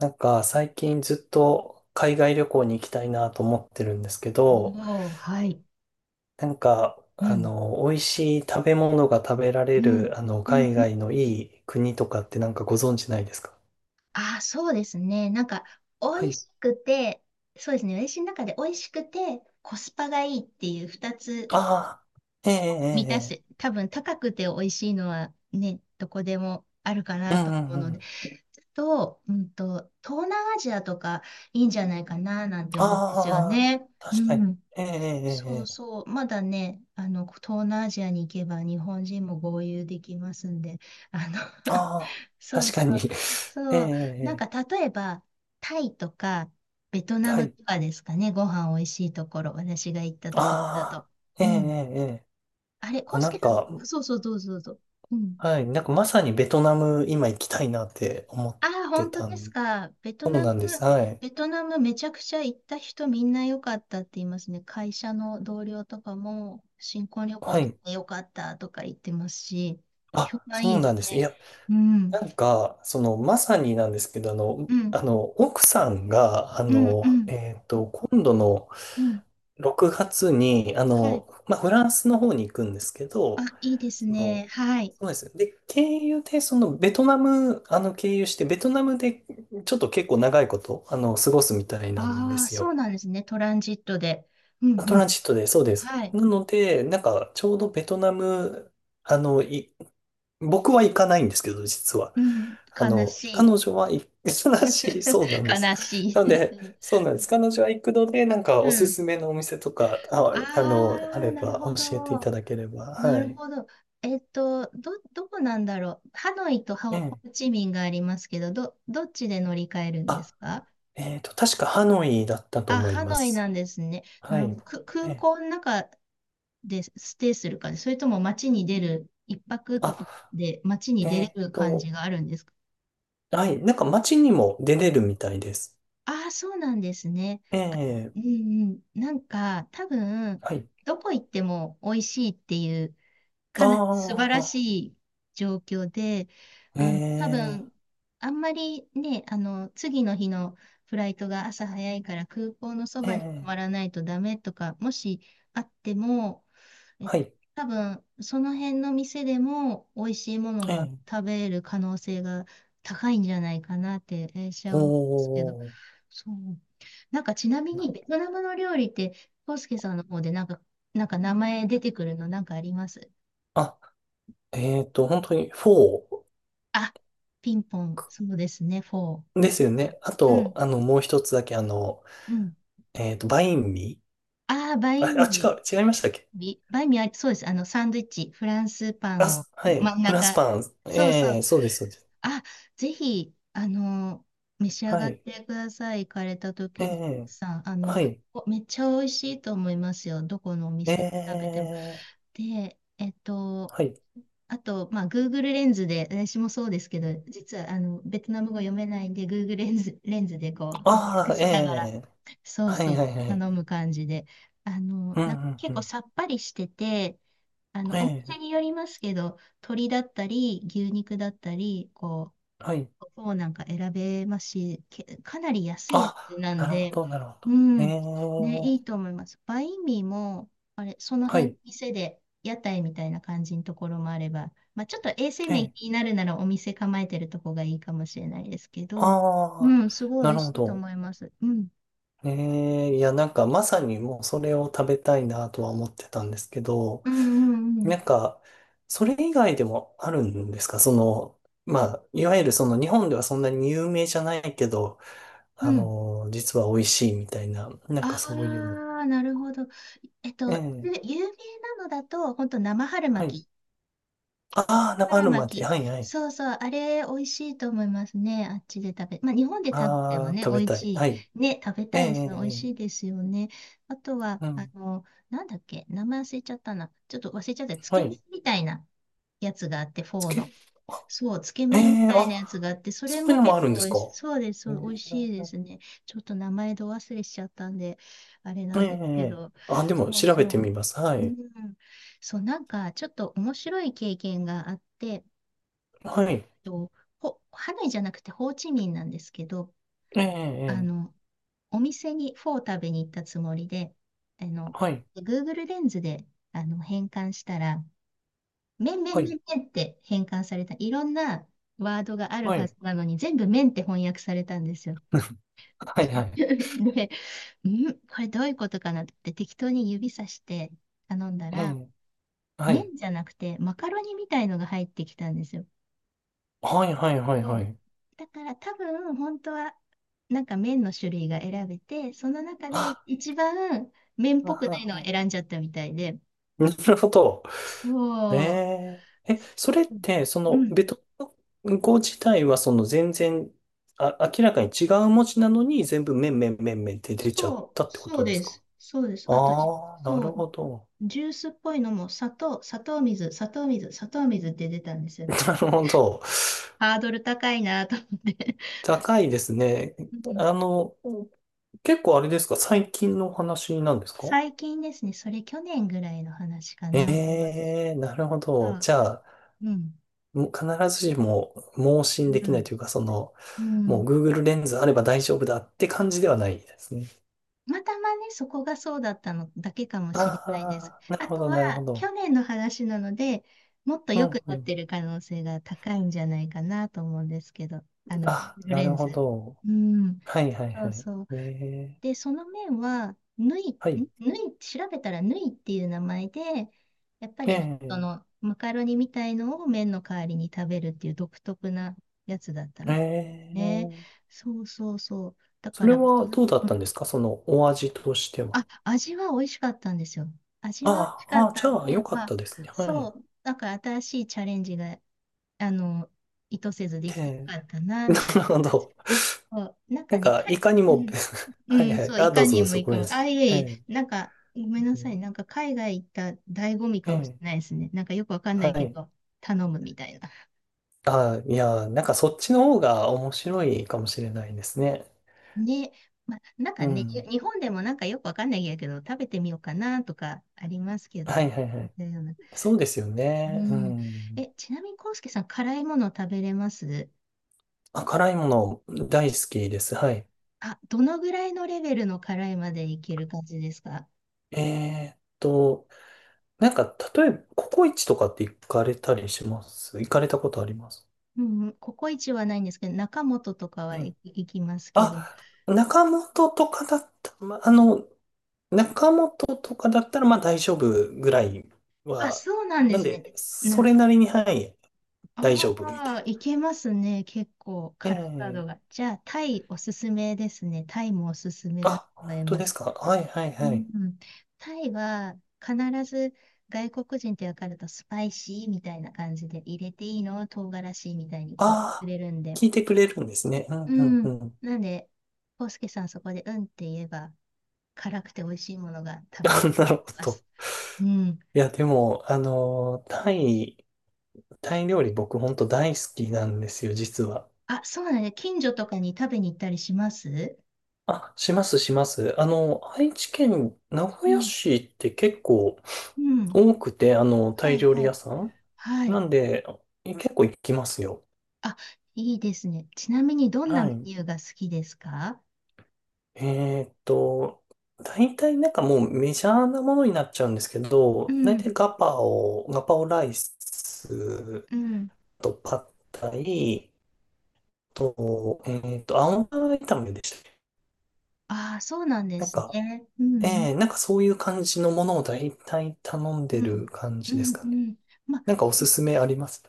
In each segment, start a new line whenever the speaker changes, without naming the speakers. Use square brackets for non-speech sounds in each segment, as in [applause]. なんか最近ずっと海外旅行に行きたいなと思ってるんですけど、
おお、はい。
なんか
うん、
美味しい食べ物が食べら
う
れる
ん、うん、
海
う
外
ん。
のいい国とかってなんかご存知ないですか？
ああ、そうですね。なんか、
は
美味
い。
しくて、そうですね。私の中で美味しくて、コスパがいいっていう二つ
ああ、ええ
満たし
え
て、
え
多分高くて美味しいのはね、どこでもあるか
え
な
え、う
と
ん
思う
うんう
ので、
ん。
と、うんと、東南アジアとかいいんじゃないかななんて思うんですよ
ああ、
ね。う
確かに。
ん。
ええええ
そ
え
う
え、
そう、まだね、東南アジアに行けば日本人も合流できますんで、あの [laughs]
ああ、
そう
確
そ
かに。
う、
[laughs] え
そう、なん
え
か例えば、タイとか、ベト
ええ、
ナ
は
ム
い。
とかですかね、ご飯おいしいところ、私が行ったところだ
あ
と。
あ、ええ
う
え
ん。
えええ、
あれ、コ
あ、
ウス
な
ケ
ん
さん、
か、
そうそう、どうぞどうぞ。うん。
はい。なんかまさにベトナム今行きたいなって思っ
ああ、
て
本当
た
です
ん
か。ベト
そう
ナム、
なんです。はい。
ベトナムめちゃくちゃ行った人みんな良かったって言いますね。会社の同僚とかも新婚旅行
は
で
い。
良かったとか言ってますし、評
あ、
判い
そ
い
う
で
な
す
んです。い
ね。
や、
う
な
ん、
んか、まさになんですけど、
うん、
奥さんが、
うん、うん、
今度の
うん。
6月に、
はい。
まあ、フランスの方に行くんですけ
あ、
ど、
いいです
そ
ね。
の、
はい。
そうです。で、経由で、ベトナム、経由して、ベトナムで、ちょっと結構長いこと、過ごすみたいなんで
ああ、
す
そ
よ。
うなんですね。トランジットで。うん、
ト
う
ラ
ん。
ンジットで、そうです。
はい。
なので、なんか、ちょうどベトナム、あの、い僕は行かないんですけど、実は。
うん、悲し
彼
い。
女は行く [laughs] らしい、そうな
[laughs]
んです。
悲し
な
い。
の
う
で、
ん。
そうなんです。彼女は行くので、なんか
う
おす
ん。
すめのお店とか、あ、あ
ああ、
れ
なる
ば
ほ
教えていた
ど。
だければ。
な
は
る
い。
ほど。どこなんだろう。ハノイと
え
ホホ
え。
ーチミンがありますけど、どっちで乗り換えるんで
あ、
すか？
確かハノイだったと
あ、
思い
ハ
ま
ノイな
す。
んですね。な
はい。
るほど。
え
空
え。
港の中でステイする感じ、それとも街に出る、一泊とか
あ、
で街に出
え
れ
っ
る感じ
と、
があるんですか？
はい。なんか街にも出れるみたいです。
ああ、そうなんですね。
ええ。
うんうん。なんか、多分、
はい。
どこ行っても美味しいっていう
あ
かなり素晴ら
あ、
しい状況で、
え
多分、
え。
あんまりね、次の日のフライトが朝早いから空港のそ
え
ばに泊
え。
まらないとダメとか、もしあっても、えっ
は
と、
い。
多分、その辺の店でも美味しいもの
え
が
え。
食べれる可能性が高いんじゃないかなって、私
お
は思うんですけど、
ー。
そう。なんかちなみにベトナムの料理って、コ介スケさんの方でなんか、なんか名前出てくるのなんかあります？
あ、本当にフォ
あ、ピンポン、そうですね、フォー。
ー
う
で
ん、
すよね。あ
う
と、
ん、
もう一つだけ、
うん。
バインミ
ああ、バ
ー。
イ
あ、
ン
あ、
ミ
違
ー、
う、違いましたっけ？
ビバインミー、あそうです。サンドイッチ、フランスパン
あ、
を
す、は
真
い、
ん
フランス
中。
パン。
そうそ
え
う。
え、そうです、そうです。
あ、ぜひ、召し上
は
がっ
い、
てください。行かれた
え
時に
え、
さ、
はい、
おめっちゃ美味しいと思いますよ。どこのお
え
店食べても。
え、
で、
はい。
あと、まあ、Google レンズで、私もそうですけど、実はベトナム語読めないんで、Google レンズでこう翻
あ
訳
あ、え
しながら、
え、
そう
は
そ
い、は
う、
い、はい。
頼む感じで、
うん、う
なんか
ん、う
結構
ん。
さっぱりしてて、あのお
え
店
え、
によりますけど、鶏だったり、牛肉だったり、こ
はい。
をなんか選べますし、かなり安いやつ
あ、
なん
なるほ
で、
ど、なるほど。
う
え
ん、ね、
え、
いいと思います。バインミーも、あれ、その
は
辺、
い、
店で、屋台みたいな感じのところもあれば、まあ、ちょっと衛生
え
面
え、
気になるならお店構えてるとこがいいかもしれないですけど、
あ
う
あ、
ん、すごい
な
美味
る
し
ほ
いと
ど。
思います。うん、
ええ、いや、なんかまさにもうそれを食べたいなとは思ってたんですけど、
うん、うん、うん。
なんか、それ以外でもあるんですか？その、まあ、いわゆる日本ではそんなに有名じゃないけど、
うん。
実は美味しいみたいな、なんか
あ
そういうの。
あ、なるほど。
ええ、
有名なのだと、本当生春
はい。
巻き
ああ、生
春
春巻き。
巻き。
はいはい。
そうそう、あれ、美味しいと思いますね。あっちで食べ、まあ、日本で食べても
ああ、
ね、
食べ
美味
たい。は
し
い。
い。ね、食べ
ええ、
た
え
いですね。美
え
味
え
しい
え、
ですよね。あとは、
うん。
なんだっけ、名前忘れちゃったな。ちょっと忘れちゃった。つ
は
け麺
い。
みたいなやつがあって、フ
つ
ォー
け、
の。
あ、
そう、つけ
え
麺み
え、
たい
あ、
なやつがあって、それ
そういう
も
のもあ
結
るん
構
です
美味
か？
し、そうです。
え
そう美味しいで
え
すね。ちょっと名前ど忘れしちゃったんで、あれな
ええ、
んです
え
け
え、
ど。
あ、でも
そう
調べて
そ
みます。
う。
は
う
い。
ん。そう、なんか、ちょっと面白い経験があって、
はい。
と、ハノイじゃなくてホーチミンなんですけど、
え
あ
え、ええ、
の、お店にフォー食べに行ったつもりで、あの、
はい。
Google レンズで変換したら、麺
は
麺
い。
麺麺って変換された。いろんなワードがある
は
は
い。
ずなのに、全部麺って翻訳されたんですよ。
はい。は
[laughs]
い。
で、これどういうことかなって適当に指さして頼んだ
え
ら、
え、は
麺
い。
じゃなくてマカロニみたいのが入ってきたんですよ。
はい。はい。はい。
そ
は
う。
い。
だから多分本当はなんか麺の種類が選べて、その中で
あ、
一番麺っ
あ、
ぽくない
あ
のを
あ
選んじゃったみたいで。
[laughs] なるほど。え
そ
え、え、それっ
う。
て、そ
う
の、
ん。
ベトナム語自体は、全然、あ、明らかに違う文字なのに、全部、めんめんめんめんって出ちゃっ
そう、
たってこ
そう
とで
で
すか？
す。そうです。あとじ、
ああ、な
そ
る
う、
ほど。
ジュースっぽいのも砂糖水、砂糖水、砂糖水、って出たんです
[laughs]
よ。
なるほど。
ハードル高いなと思って。
高いですね。
うん
あの、結構あれですか？最近のお話なんですか？
最近ですね、それ去年ぐらいの話か
え
なと思うんです
えー、なるほど。
が、
じゃあ、
うん、
もう必ずしも盲信
う
できない
ん、
というか、
う
もう
ん。
Google レンズあれば大丈夫だって感じではないですね。
たまたまね、そこがそうだったのだけかも
あ
しれないです。
あ、なる
あ
ほ
と
ど、
は、
なるほど。
去年の話なので、もっと
う
良
ん、
く
う
なっ
ん。
てる可能性が高いんじゃないかなと思うんですけど、フ
あ、
ル
な
レ
る
ン
ほ
ズ。
ど。
うん、
はい、はい、
そ
は
う
い。
そう。
ええ、
で、その面は、ぬい、ん
はい。
ぬい、調べたらぬいっていう名前で、やっぱ
え
り、
え、
マカロニみたいのを麺の代わりに食べるっていう独特なやつだった
え
みたいね。
え。
そうそうそう。だ
そ
か
れ
ら、
は
の、
どうだっ
う
たん
ん
ですか、そのお味としては。
あ、味は美味しかったんですよ。味は美味
あ
しか
あ、あ
っ
あ、
た
じ
ん
ゃあ、よ
で、
か
ま
っ
あ、
たですね。は
そ
い。
う、だから新しいチャレンジが、あの、意図せずできてよ
え
かったな、
え、[laughs] な
みた
る
いな
ほ
感じ。
ど。
そう、なんか
なん
ね、
か、いかに
う
も
ん、
[laughs]
う
はい
ん、
はい。
そう、い
あ、ど
か
うぞ
に
どう
も
ぞ。
い
ご
か
めん
も。
なさ
あ、
い。
いえ
え
いえ、
え、
なんか、ごめんなさい、なんか海外行った醍醐味
え
かもし
え、
れないですね。なんかよくわかんな
は
いけ
い。
ど、頼むみたいな。
あ、いや、なんかそっちの方が面白いかもしれないですね。
ね、まあ、なん
う
かね、
ん。
日本でもなんかよくわかんないけど、食べてみようかなとかありますけど
は
ね。
いはいはい。そうですよ
う
ね。う
ん。
ん。
え、ちなみに、コウスケさん、辛いもの食べれます？
あ、辛いもの大好きです。はい。
あ、どのぐらいのレベルの辛いまでいける感じですか？
えーっと、なんか、例えば、ココイチとかって行かれたりします？行かれたことあります？
うんうん、ココイチはないんですけど、中本とか、
う
はい、
ん。
行きますけど。
あ、中本とかだった。ま、中本とかだったら、まあ大丈夫ぐらい
あ、
は、
そうなんで
なん
す
で、
ね。
それなりに、はい、大丈夫みたい
ああ、いけますね。結構、辛さ度
な。
が。
ええ、
じゃあ、タイおすすめですね。タイもおすすめだと
あ、本
思い
当
ま
です
す。
か。はいはい
う
はい。
ん、タイは必ず外国人って分かるとスパイシーみたいな感じで入れていいの唐辛子みたいに聞いてく
あ
れるん
あ、
で。
聞いてくれるんですね。う
う
んうんう
ん。
ん。
なんで、コウスケさんそこでうんって言えば辛くて美味しいものが食
[laughs]
べれ
あ、
る
な
と
る
思い
ほ
ま
ど。
す。うん。
いや、でも、タイ料理僕本当大好きなんですよ、実は。
あ、そうだね。近所とかに食べに行ったりします？
あ、します、します。愛知県名古
う
屋
ん。
市って結構
うん。
多くて、タ
は
イ
い
料理
はい。
屋さん
は
な
い。
んで、結構行きますよ。
あ、いいですね。ちなみにどんなメ
はい。
ニューが好きですか？
えーっと、大体なんかもうメジャーなものになっちゃうんですけ
う
ど、大
ん。
体ガパオライス
うん。
とパッタイと、青菜炒めでしたっけ？
ああ、そうなんで
なん
す
か、
ね。うん
なんかそういう感じのものを大体頼ん
う
でる
ん。
感
う
じ
ん。
で
う
す
ん
かね。
うん。まあ、
なんかお
う
すすめあります？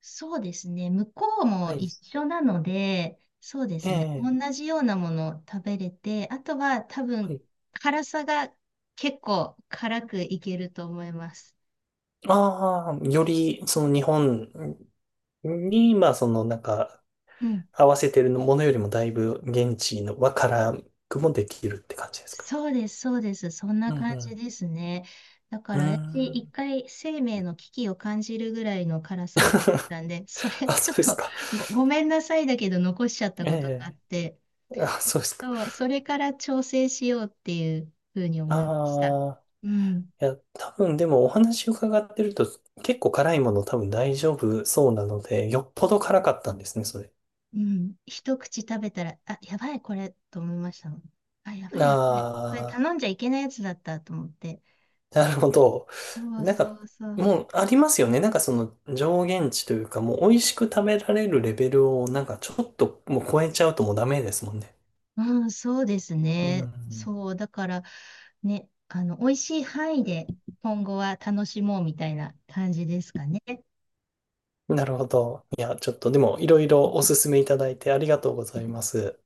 そうですね。向こう
は
も
い。
一緒なので、そうです
え
ね。同
え、
じようなものを食べれて、あとは多
は
分、
い。
辛さが結構辛くいけると思います。
ああ、より、その日本に、まあ、なんか、
うん。
合わせてるものよりもだいぶ現地の和からくもできるって感じですか？
そうです、そうです。そんな
うん
感じ
う
ですね。だか
ん。うー
ら私、一
ん。
回生命の危機を感じるぐらいの辛さを食べたんで、それ、
あ、
ちょ
そ
っ
うです
と
か。
ごめんなさいだけど残しちゃった
え
ことがあっ
え、
て、
あ、そうですか。
そう、それから調整しようっていうふうに思いました。
ああ、
うん。
いや、多分でもお話伺ってると、結構辛いもの多分大丈夫そうなので、よっぽど辛かったんですね、それ。
うん。一口食べたら、あ、やばい、これ、と思いましたもん。あ、やば
あ
い、やばい。これ
あ。
頼んじゃいけないやつだったと思って。
[laughs] なるほど。
そう
なん
そ
か、
うそう。
もうありますよね。なんかその上限値というか、もう美味しく食べられるレベルをなんかちょっともう超えちゃうともうダメですもんね。
うん、そうです
う
ね。
ん。
そう、だから、ね、美味しい範囲で今後は楽しもうみたいな感じですかね。
なるほど。いや、ちょっとでもいろいろおすすめいただいてありがとうございます。